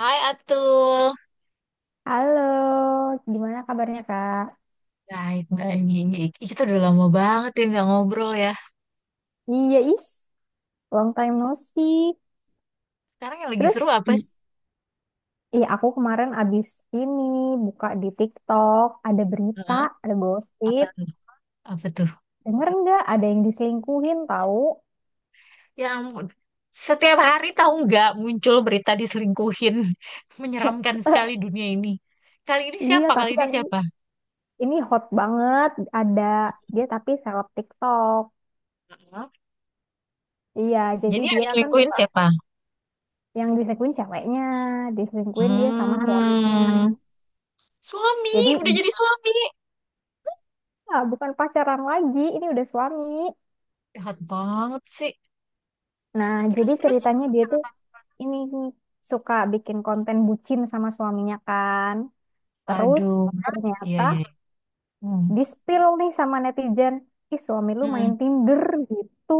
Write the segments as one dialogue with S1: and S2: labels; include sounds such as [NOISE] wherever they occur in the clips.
S1: Hai Atul.
S2: Halo, gimana kabarnya Kak?
S1: Baik, baik. Ih, kita udah lama banget ya nggak ngobrol ya.
S2: Iya is, long time no see.
S1: Sekarang yang lagi seru
S2: Terus,
S1: apa sih?
S2: iya aku kemarin abis ini buka di TikTok, ada berita,
S1: Heeh.
S2: ada
S1: Apa
S2: gosip.
S1: tuh? Apa tuh?
S2: Denger nggak ada yang diselingkuhin tahu?
S1: Yang setiap hari tahu nggak muncul berita diselingkuhin. [LAUGHS] Menyeramkan sekali
S2: [LAUGHS]
S1: dunia ini. Kali ini
S2: Iya,
S1: siapa? Kali
S2: tapi
S1: ini
S2: yang
S1: siapa?
S2: ini hot banget. Ada dia tapi seleb TikTok.
S1: Heeh.
S2: Iya, jadi
S1: Jadi yang
S2: dia kan
S1: diselingkuhin
S2: suka
S1: siapa?
S2: yang diselingkuhin ceweknya, diselingkuhin dia sama suaminya.
S1: Hmm. Suami,
S2: Jadi,
S1: udah jadi suami.
S2: ya, bukan pacaran lagi, ini udah suami.
S1: Jahat banget sih.
S2: Nah,
S1: Terus,
S2: jadi
S1: terus.
S2: ceritanya dia tuh ini suka bikin konten bucin sama suaminya kan. Terus
S1: Aduh. Iya,
S2: ternyata
S1: iya.
S2: di-spill nih sama netizen, ih suami lu
S1: Hmm.
S2: main Tinder gitu.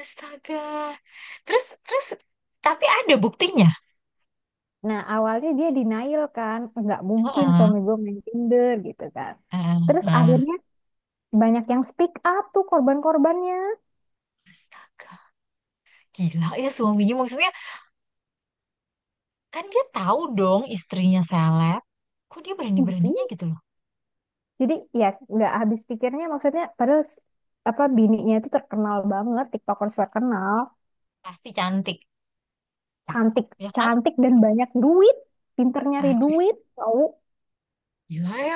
S1: Astaga. Terus, terus, tapi ada buktinya.
S2: Nah, awalnya dia denial kan, nggak mungkin
S1: Heeh,
S2: suami gue main Tinder gitu kan.
S1: heeh,
S2: Terus
S1: heeh.
S2: akhirnya banyak yang speak up tuh korban-korbannya.
S1: Astaga. Gila ya suaminya. Maksudnya kan dia tahu dong istrinya seleb. Kok dia
S2: Mhm.
S1: berani-beraninya gitu loh.
S2: Jadi ya nggak habis pikirnya maksudnya padahal apa bininya itu terkenal banget, TikTokers terkenal.
S1: Pasti cantik.
S2: Cantik
S1: Ya kan?
S2: cantik dan banyak duit, pinter nyari
S1: Aduh,
S2: duit tahu
S1: gila ya.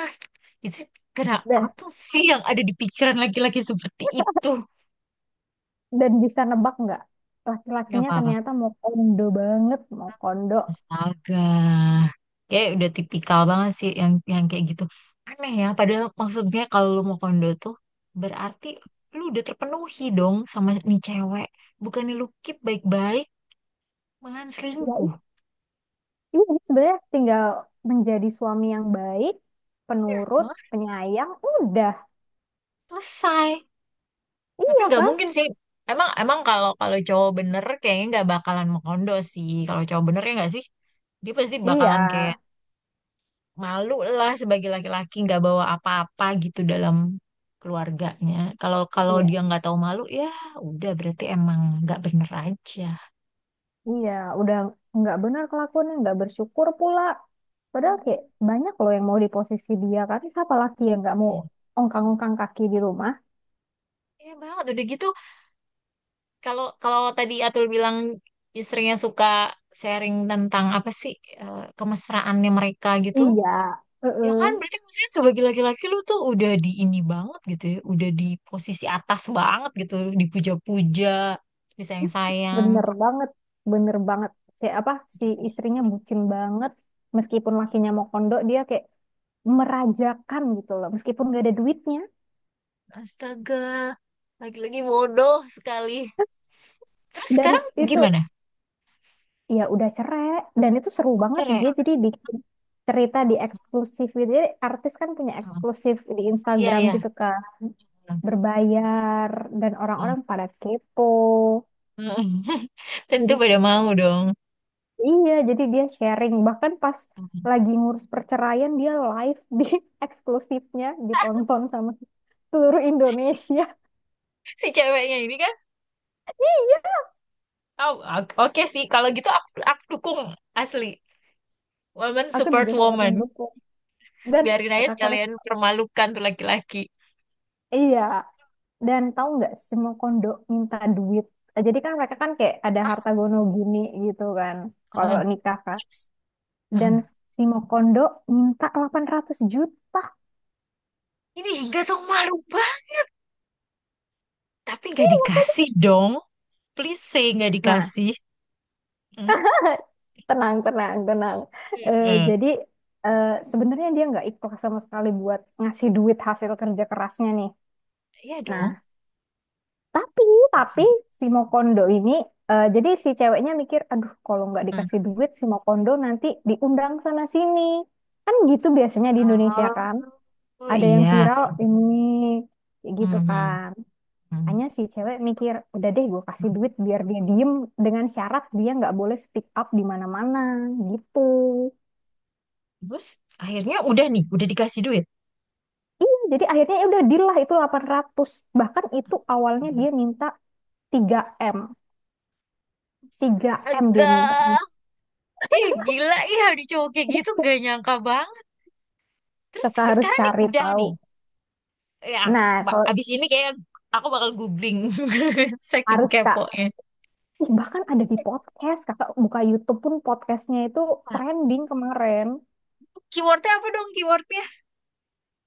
S1: Itu kena
S2: dah.
S1: apa sih yang ada di pikiran laki-laki seperti itu?
S2: Dan bisa nebak nggak,
S1: Gak
S2: laki-lakinya
S1: apa-apa.
S2: ternyata mau kondo banget, mau kondo.
S1: Astaga. Kayak udah tipikal banget sih yang kayak gitu. Aneh ya, padahal maksudnya kalau lu mau kondo tuh berarti lu udah terpenuhi dong sama nih cewek. Bukannya lu keep baik-baik, malah
S2: Ya
S1: selingkuh.
S2: itu sebenarnya tinggal menjadi suami yang baik,
S1: Ya,
S2: penurut,
S1: toh,
S2: penyayang udah,
S1: selesai. Tapi
S2: iya
S1: nggak
S2: kan.
S1: mungkin sih. Emang emang kalau kalau cowok bener kayaknya nggak bakalan mau kondo sih. Kalau cowok bener ya nggak sih? Dia pasti
S2: Iya,
S1: bakalan kayak malu lah sebagai laki-laki nggak bawa apa-apa gitu dalam keluarganya. Kalau kalau
S2: iya
S1: dia nggak tahu malu ya udah berarti emang nggak bener aja.
S2: iya udah nggak benar kelakuannya, nggak bersyukur pula padahal kayak
S1: Hmm.
S2: banyak loh yang mau di posisi dia kan, siapa laki yang nggak mau ongkang-ongkang kaki di rumah.
S1: Iya banget udah gitu kalau kalau tadi Atul bilang istrinya suka sharing tentang apa sih kemesraannya mereka gitu.
S2: Iya.
S1: Ya
S2: Heeh.
S1: kan berarti maksudnya sebagai laki-laki lu tuh udah di ini banget gitu ya, udah di posisi atas banget gitu, dipuja-puja, disayang-sayang.
S2: Bener banget, bener banget. Si apa si istrinya bucin banget. Meskipun lakinya mau kondo, dia kayak merajakan gitu loh. Meskipun gak ada duitnya.
S1: Astaga, lagi-lagi bodoh sekali. Terus
S2: Dan
S1: sekarang
S2: itu
S1: gimana?
S2: ya udah cerai. Dan itu seru banget.
S1: Cerai?
S2: Dia jadi bikin cerita di eksklusif gitu. Jadi artis kan punya
S1: Oh,
S2: eksklusif di
S1: iya,
S2: Instagram
S1: iya.
S2: gitu kan.
S1: Oh,
S2: Berbayar dan
S1: oh.
S2: orang-orang pada kepo.
S1: [LAUGHS] Tentu
S2: Jadi
S1: pada mau dong.
S2: Iya, jadi dia sharing. Bahkan pas lagi ngurus perceraian, dia live di [LAUGHS] eksklusifnya ditonton sama seluruh Indonesia. [LAUGHS]
S1: Si ceweknya ini kan,
S2: Iya,
S1: oh, oke sih. Kalau gitu aku dukung asli. Woman
S2: aku
S1: support
S2: juga sangat
S1: woman.
S2: mendukung. Dan
S1: Biarin aja
S2: kakak harus,
S1: sekalian permalukan tuh laki-laki.
S2: iya. Dan tahu nggak semua kondo minta duit. Jadi kan mereka kan kayak ada harta gono gini gitu kan. Kalau
S1: Heeh.
S2: nikah kan.
S1: Terus, heeh.
S2: Dan si Mokondo minta 800 juta.
S1: Ini hingga sama malu. Tapi nggak dikasih dong. Please say nggak
S2: Nah,
S1: dikasih. Hmm.
S2: tenang, tenang, tenang. Eh,
S1: Heeh.
S2: jadi eh, sebenarnya dia nggak ikhlas sama sekali buat ngasih duit hasil kerja kerasnya nih.
S1: Iya dong.
S2: Nah, tapi tapi
S1: Tapi,
S2: si Mokondo ini, eh, jadi si ceweknya mikir, aduh kalau nggak dikasih duit si Mokondo nanti diundang sana sini. Kan gitu biasanya di Indonesia kan,
S1: oh, oh
S2: ada yang
S1: iya.
S2: viral ini kayak gitu
S1: Mhm,
S2: kan.
S1: mhm.
S2: Makanya si cewek mikir, udah deh gue kasih duit biar dia diem dengan syarat dia nggak boleh speak up di mana-mana gitu.
S1: Terus akhirnya udah nih, udah dikasih duit.
S2: Iya, jadi akhirnya ya udah deal lah itu 800. Bahkan itu awalnya
S1: Astaga.
S2: dia minta 3M. 3M dia mintanya.
S1: Agak, ih gila, ih ada cowok kayak gitu nggak nyangka banget. Terus
S2: Kakak
S1: tapi
S2: harus
S1: sekarang nih
S2: cari
S1: udah
S2: tahu.
S1: nih. Ya,
S2: Nah, kalau
S1: abis ini kayak aku bakal googling [LAUGHS] saking
S2: harus Kak.
S1: keponya.
S2: Ih, bahkan ada di podcast. Kakak buka YouTube pun podcastnya itu
S1: Nah,
S2: trending kemarin.
S1: keywordnya apa dong keywordnya?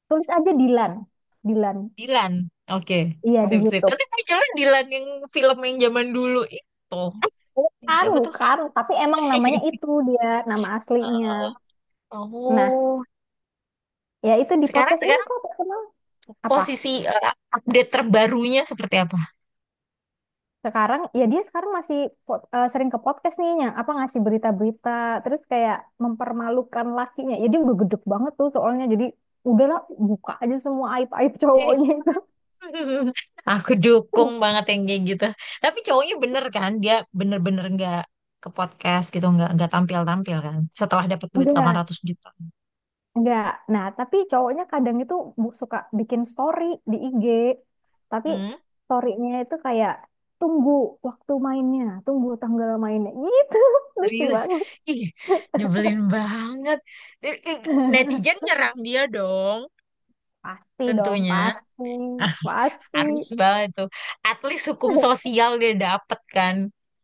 S2: Tulis aja Dilan. Dilan.
S1: Dilan. Oke,
S2: Iya, di
S1: sip sip.
S2: YouTube.
S1: Nanti munculnya Dilan yang film yang zaman dulu itu.
S2: Bukan,
S1: Siapa tuh?
S2: bukan. Tapi emang namanya
S1: [LAUGHS]
S2: itu dia, nama aslinya. Nah,
S1: Oh,
S2: ya itu di
S1: sekarang
S2: podcast ini
S1: sekarang
S2: kok terkenal. Apa?
S1: posisi update terbarunya seperti apa?
S2: Sekarang ya dia sekarang masih sering ke podcast nih yang apa ngasih berita-berita terus kayak mempermalukan lakinya, ya dia udah gedek banget tuh soalnya, jadi udahlah buka aja semua aib-aib
S1: Eh,
S2: cowoknya itu.
S1: [LAUGHS] aku dukung
S2: [LAUGHS]
S1: banget yang kayak gitu. Tapi cowoknya bener kan, dia bener-bener nggak ke podcast gitu, nggak tampil-tampil kan. Setelah dapat duit
S2: enggak
S1: 800 juta.
S2: enggak, nah tapi cowoknya kadang itu suka bikin story di IG, tapi
S1: Hmm,
S2: storynya itu kayak tunggu waktu mainnya, tunggu tanggal mainnya gitu. [LAUGHS] Lucu
S1: serius,
S2: banget.
S1: ih nyebelin banget. Eh, eh,
S2: [LAUGHS]
S1: netizen nyerang dia dong,
S2: Pasti dong,
S1: tentunya
S2: pasti, pasti.
S1: harus banget tuh. At least hukum
S2: [LAUGHS]
S1: sosial dia dapet kan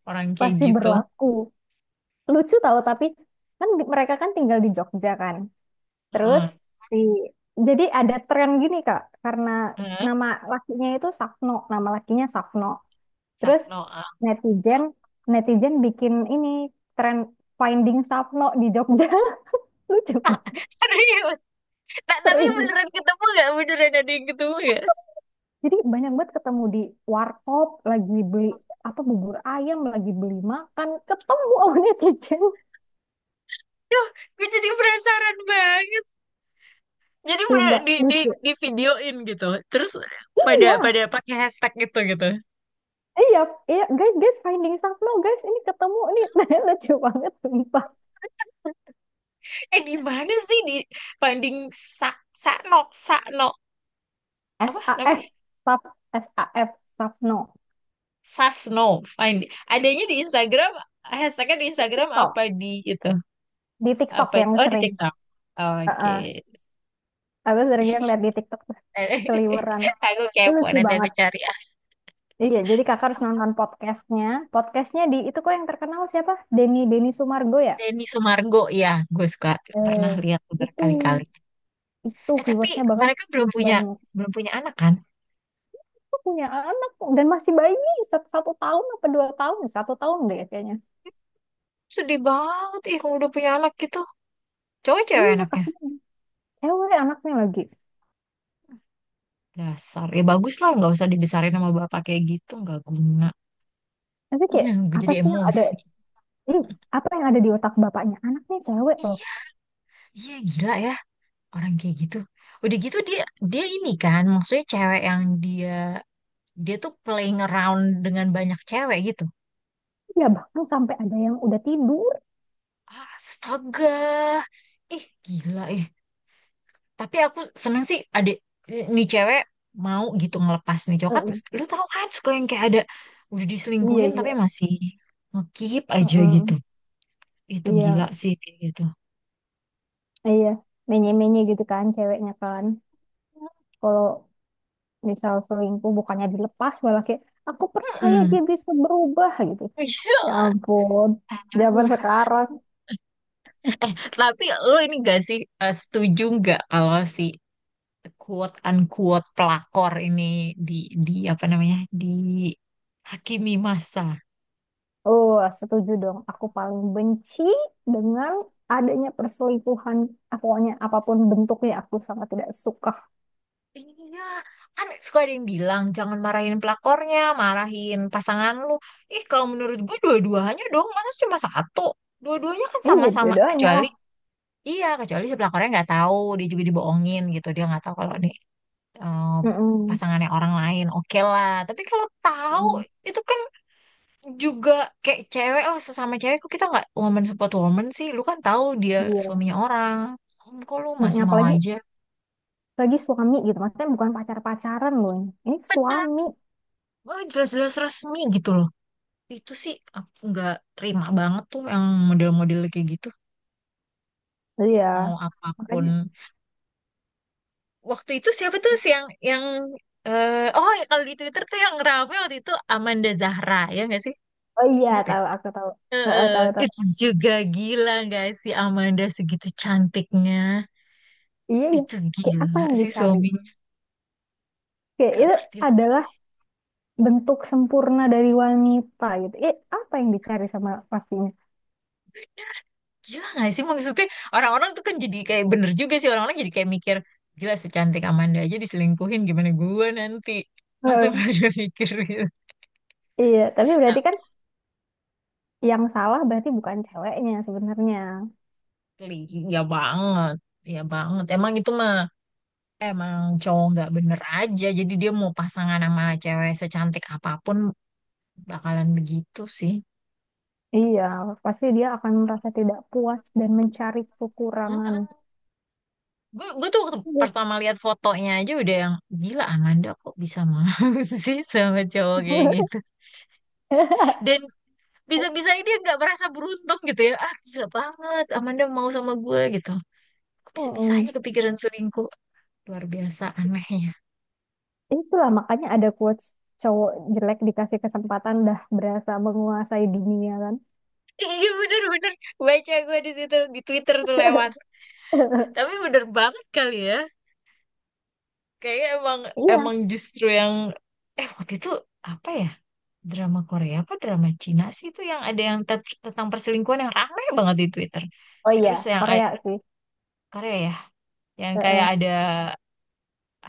S1: orang kayak
S2: Pasti
S1: gitu.
S2: berlaku. Lucu tahu tapi kan mereka kan tinggal di Jogja kan. Terus
S1: Heeh.
S2: di, jadi ada tren gini Kak karena
S1: Heeh.
S2: nama lakinya itu Safno, nama lakinya Safno. Terus
S1: Sakno. Ah.
S2: netizen, bikin ini tren, finding Safno di Jogja. [LAUGHS] Lucu
S1: [LAUGHS]
S2: banget,
S1: Serius. Tapi
S2: serius.
S1: beneran ketemu gak? Beneran ada yang ketemu gak?
S2: Jadi banyak banget ketemu di warkop lagi beli apa bubur ayam, lagi beli makan ketemu sama netizen.
S1: Duh, gue jadi penasaran banget. Jadi bener
S2: Coba,
S1: di di
S2: lucu.
S1: di videoin gitu. Terus pada
S2: Iya,
S1: pada pakai hashtag gitu gitu.
S2: iya, iya, guys, guys, finding stuff Sapno, guys, ini ketemu nih, [LAUGHS] lucu banget, sumpah.
S1: Eh di mana sih di finding sak Sakno Sakno apa namanya?
S2: SAF, Sap, SAF, Sapno.
S1: Sasno. Find adanya di Instagram, hashtagnya di
S2: Di
S1: Instagram
S2: TikTok,
S1: apa di itu?
S2: di TikTok
S1: Apa
S2: yang
S1: oh di
S2: sering.
S1: TikTok. Oke.
S2: Heeh. Aku sering lihat di TikTok tuh
S1: [LAUGHS]
S2: keliweran,
S1: Aku
S2: itu
S1: kepo
S2: lucu
S1: nanti aku
S2: banget.
S1: cari.
S2: Iya, jadi kakak harus nonton podcastnya, podcastnya di, itu kok yang terkenal siapa? Denny, Denny Sumargo ya?
S1: Denny Sumargo ya, gue suka pernah
S2: Eh,
S1: lihat
S2: itu,
S1: berkali-kali.
S2: itu
S1: Eh tapi
S2: viewersnya bahkan
S1: mereka belum punya
S2: banyak.
S1: belum punya anak kan?
S2: Aku punya anak kok, dan masih bayi, 1, 1 tahun apa 2 tahun, 1 tahun deh kayaknya.
S1: Sedih banget ih kalau udah punya anak gitu. Cowok ya cewek
S2: Iya,
S1: anaknya.
S2: kasihan. Cewek anaknya lagi.
S1: Dasar. Ya bagus lah nggak usah dibesarin sama bapak kayak gitu nggak guna.
S2: Tapi kayak
S1: [LAUGHS] Gue
S2: apa
S1: jadi
S2: sih yang ada?
S1: emosi.
S2: Ih, apa yang ada di otak bapaknya? Anaknya cewek loh.
S1: Iya, iya gila ya orang kayak gitu. Udah gitu dia dia ini kan maksudnya cewek yang dia dia tuh playing around dengan banyak cewek gitu.
S2: Ya bahkan sampai ada yang udah tidur.
S1: Astaga. Ih, gila ih. Tapi aku seneng sih adik nih cewek mau gitu ngelepas nih cowok kan
S2: Mm-mm.
S1: lu tahu kan suka yang kayak ada udah
S2: Iya,
S1: diselingkuhin tapi
S2: iya.
S1: masih ngekip aja gitu.
S2: Mm-mm.
S1: Itu gila
S2: Iya,
S1: sih kayak gitu.
S2: iya. Menye-menye gitu kan ceweknya kan. Kalau misal selingkuh bukannya dilepas, malah kayak aku percaya
S1: Mm-mm.
S2: dia bisa berubah gitu.
S1: Iya,
S2: Ya ampun. Zaman
S1: aduh.
S2: sekarang.
S1: Eh, tapi lu ini gak sih setuju nggak kalau si quote unquote pelakor ini di di apa namanya dihakimi masa?
S2: Oh, setuju dong. Aku paling benci dengan adanya perselingkuhan. Pokoknya apapun bentuknya aku sangat tidak suka.
S1: Iya, kan suka ada yang bilang jangan marahin pelakornya, marahin pasangan lu. Ih, kalau menurut gue dua-duanya dong, masa cuma satu? Dua-duanya kan
S2: Iya,
S1: sama-sama
S2: dua-duanya
S1: kecuali
S2: lah.
S1: iya, kecuali si pelakornya nggak tahu, dia juga dibohongin gitu, dia nggak tahu kalau nih eh,
S2: Mm-mm.
S1: pasangannya orang lain. Oke lah, tapi kalau tahu
S2: Mm-mm.
S1: itu kan juga kayak cewek lah sesama cewek kok kita nggak woman support woman sih. Lu kan tahu dia
S2: Iya.
S1: suaminya orang. Kok lu
S2: Mm-mm.
S1: masih mau
S2: Apalagi
S1: aja?
S2: lagi suami gitu. Maksudnya bukan pacar-pacaran loh. Ini
S1: Benar,
S2: suami.
S1: oh, jelas-jelas resmi gitu loh. Itu sih aku nggak terima banget tuh yang model-model kayak gitu.
S2: Iya.
S1: Mau apapun.
S2: Makanya.
S1: Waktu itu siapa tuh sih yang eh oh ya kalau di Twitter tuh yang rame waktu itu Amanda Zahra ya nggak sih?
S2: Oh iya,
S1: Ingat ya?
S2: tahu, aku tahu.
S1: Eh,
S2: Heeh,
S1: eh,
S2: tahu, tahu.
S1: itu juga gila nggak sih Amanda segitu cantiknya.
S2: Iya, iya.
S1: Itu
S2: Kayak apa
S1: gila
S2: yang
S1: sih
S2: dicari?
S1: suaminya.
S2: Kayak
S1: Gak
S2: itu
S1: ngerti lah.
S2: adalah bentuk sempurna dari wanita gitu. Eh, apa yang dicari sama pastinya?
S1: Gila gak sih maksudnya orang-orang tuh kan jadi kayak bener juga sih orang-orang jadi kayak mikir gila secantik Amanda aja diselingkuhin gimana gua nanti langsung
S2: Heeh.
S1: pada [LAUGHS] mikir gitu.
S2: Iya, tapi berarti kan yang salah berarti bukan ceweknya sebenarnya.
S1: Asli, ya banget, ya banget. Emang itu mah emang cowok nggak bener aja. Jadi dia mau pasangan sama cewek secantik apapun bakalan begitu sih.
S2: Iya, pasti dia akan merasa tidak puas dan mencari kekurangan.
S1: Mm-mm. Gue tuh waktu pertama lihat fotonya aja udah yang gila Amanda kok bisa mau [LAUGHS] sih sama cowok kayak
S2: Iya. [LAUGHS]
S1: gitu.
S2: [LAUGHS]
S1: Dan bisa-bisa dia nggak merasa beruntung gitu ya. Ah gila banget Amanda mau sama gue gitu. Kok
S2: Mm-mm.
S1: bisa-bisanya kepikiran selingkuh. Luar biasa anehnya.
S2: Itulah makanya ada quotes, cowok jelek dikasih kesempatan dah berasa menguasai dunia kan.
S1: Iya bener-bener baca gue di situ di Twitter tuh lewat.
S2: [LAUGHS]
S1: Tapi bener banget kali ya. Kayaknya emang
S2: Iya.
S1: emang justru yang waktu itu apa ya drama Korea apa drama Cina sih itu yang ada yang tentang perselingkuhan yang rame banget di Twitter.
S2: Oh iya,
S1: Terus yang
S2: Korea
S1: ada,
S2: sih.
S1: Korea ya, yang kayak
S2: Heeh.
S1: ada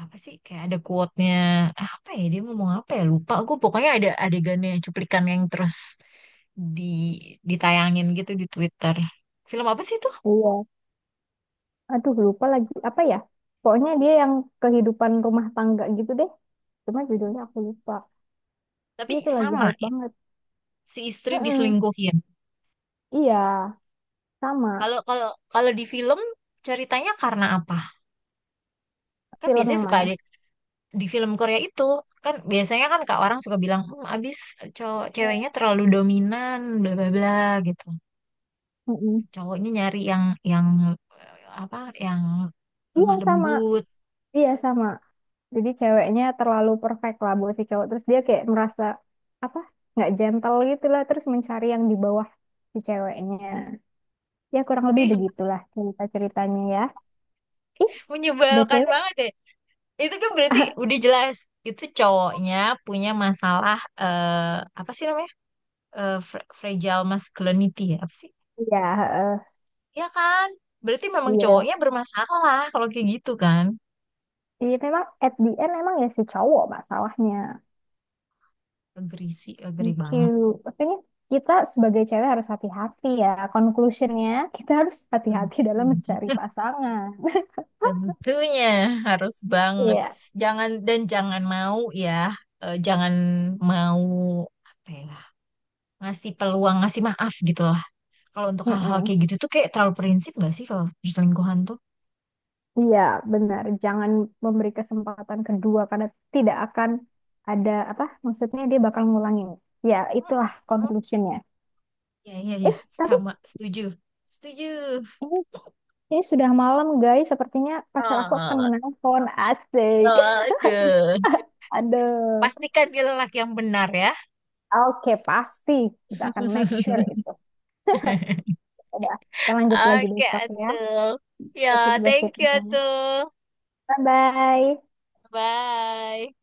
S1: apa sih kayak ada quote-nya ah, apa ya dia ngomong apa ya lupa gue pokoknya ada adegannya cuplikan yang terus di ditayangin gitu di Twitter. Film apa sih itu?
S2: Iya. Aduh lupa, lagi apa ya? Pokoknya dia yang kehidupan rumah tangga gitu deh. Cuma judulnya aku lupa.
S1: Tapi
S2: Itu lagi
S1: sama.
S2: hype banget.
S1: Si istri
S2: Mm.
S1: diselingkuhin.
S2: Iya, sama.
S1: Kalau kalau kalau di film ceritanya karena apa? Kan
S2: Film
S1: biasanya
S2: yang
S1: suka
S2: mana?
S1: ada di film Korea itu kan biasanya kan kak orang suka bilang hmm, abis cowok ceweknya terlalu dominan bla bla bla gitu.
S2: Mm.
S1: Cowoknya nyari yang eh, apa yang
S2: Iya
S1: lemah
S2: sama.
S1: lembut.
S2: Iya sama. Jadi ceweknya terlalu perfect lah buat si cowok. Terus dia kayak merasa apa? Nggak gentle gitu lah. Terus mencari yang di bawah si ceweknya. Ya kurang lebih
S1: Ih,
S2: begitulah cerita-ceritanya ya. Ih,
S1: menyebalkan
S2: BTW.
S1: banget ya. Itu kan berarti udah
S2: [LAUGHS]
S1: jelas itu cowoknya punya masalah apa sih namanya? Eh, fragile masculinity ya apa sih?
S2: Iya, heeh,
S1: Ya kan? Berarti memang
S2: iya.
S1: cowoknya bermasalah kalau kayak gitu kan?
S2: Iya memang at the end emang ya si cowok masalahnya.
S1: Agree sih, agree
S2: Lucu.
S1: banget.
S2: Makanya kita sebagai cewek harus hati-hati ya. Conclusionnya kita harus hati-hati dalam mencari
S1: Tentunya,
S2: pasangan.
S1: tentunya harus banget.
S2: Iya.
S1: Jangan dan jangan mau ya, jangan mau apa ya, ngasih peluang, ngasih maaf gitu lah. Kalau untuk hal-hal
S2: Mm-mm.
S1: kayak gitu tuh kayak terlalu prinsip gak sih kalau perselingkuhan tuh?
S2: Iya, benar. Jangan memberi kesempatan kedua karena tidak akan ada apa? Maksudnya dia bakal ngulangin. Ya, itulah conclusionnya.
S1: Ya, ya,
S2: Eh,
S1: ya,
S2: tapi
S1: sama setuju. Setuju.
S2: ini, ini sudah malam, guys. Sepertinya pacar aku akan
S1: Ah,
S2: menelpon. Asik.
S1: aduh.
S2: [LAUGHS] Aduh.
S1: Pastikan dia lelaki yang benar ya.
S2: Oke, pasti. Kita akan make sure itu.
S1: [LAUGHS] [LAUGHS]
S2: Coba kita lanjut lagi
S1: Oke,
S2: besok ya.
S1: atuh. Ya, thank you,
S2: Gosip-gosipnya.
S1: atuh.
S2: Bye-bye.
S1: Bye.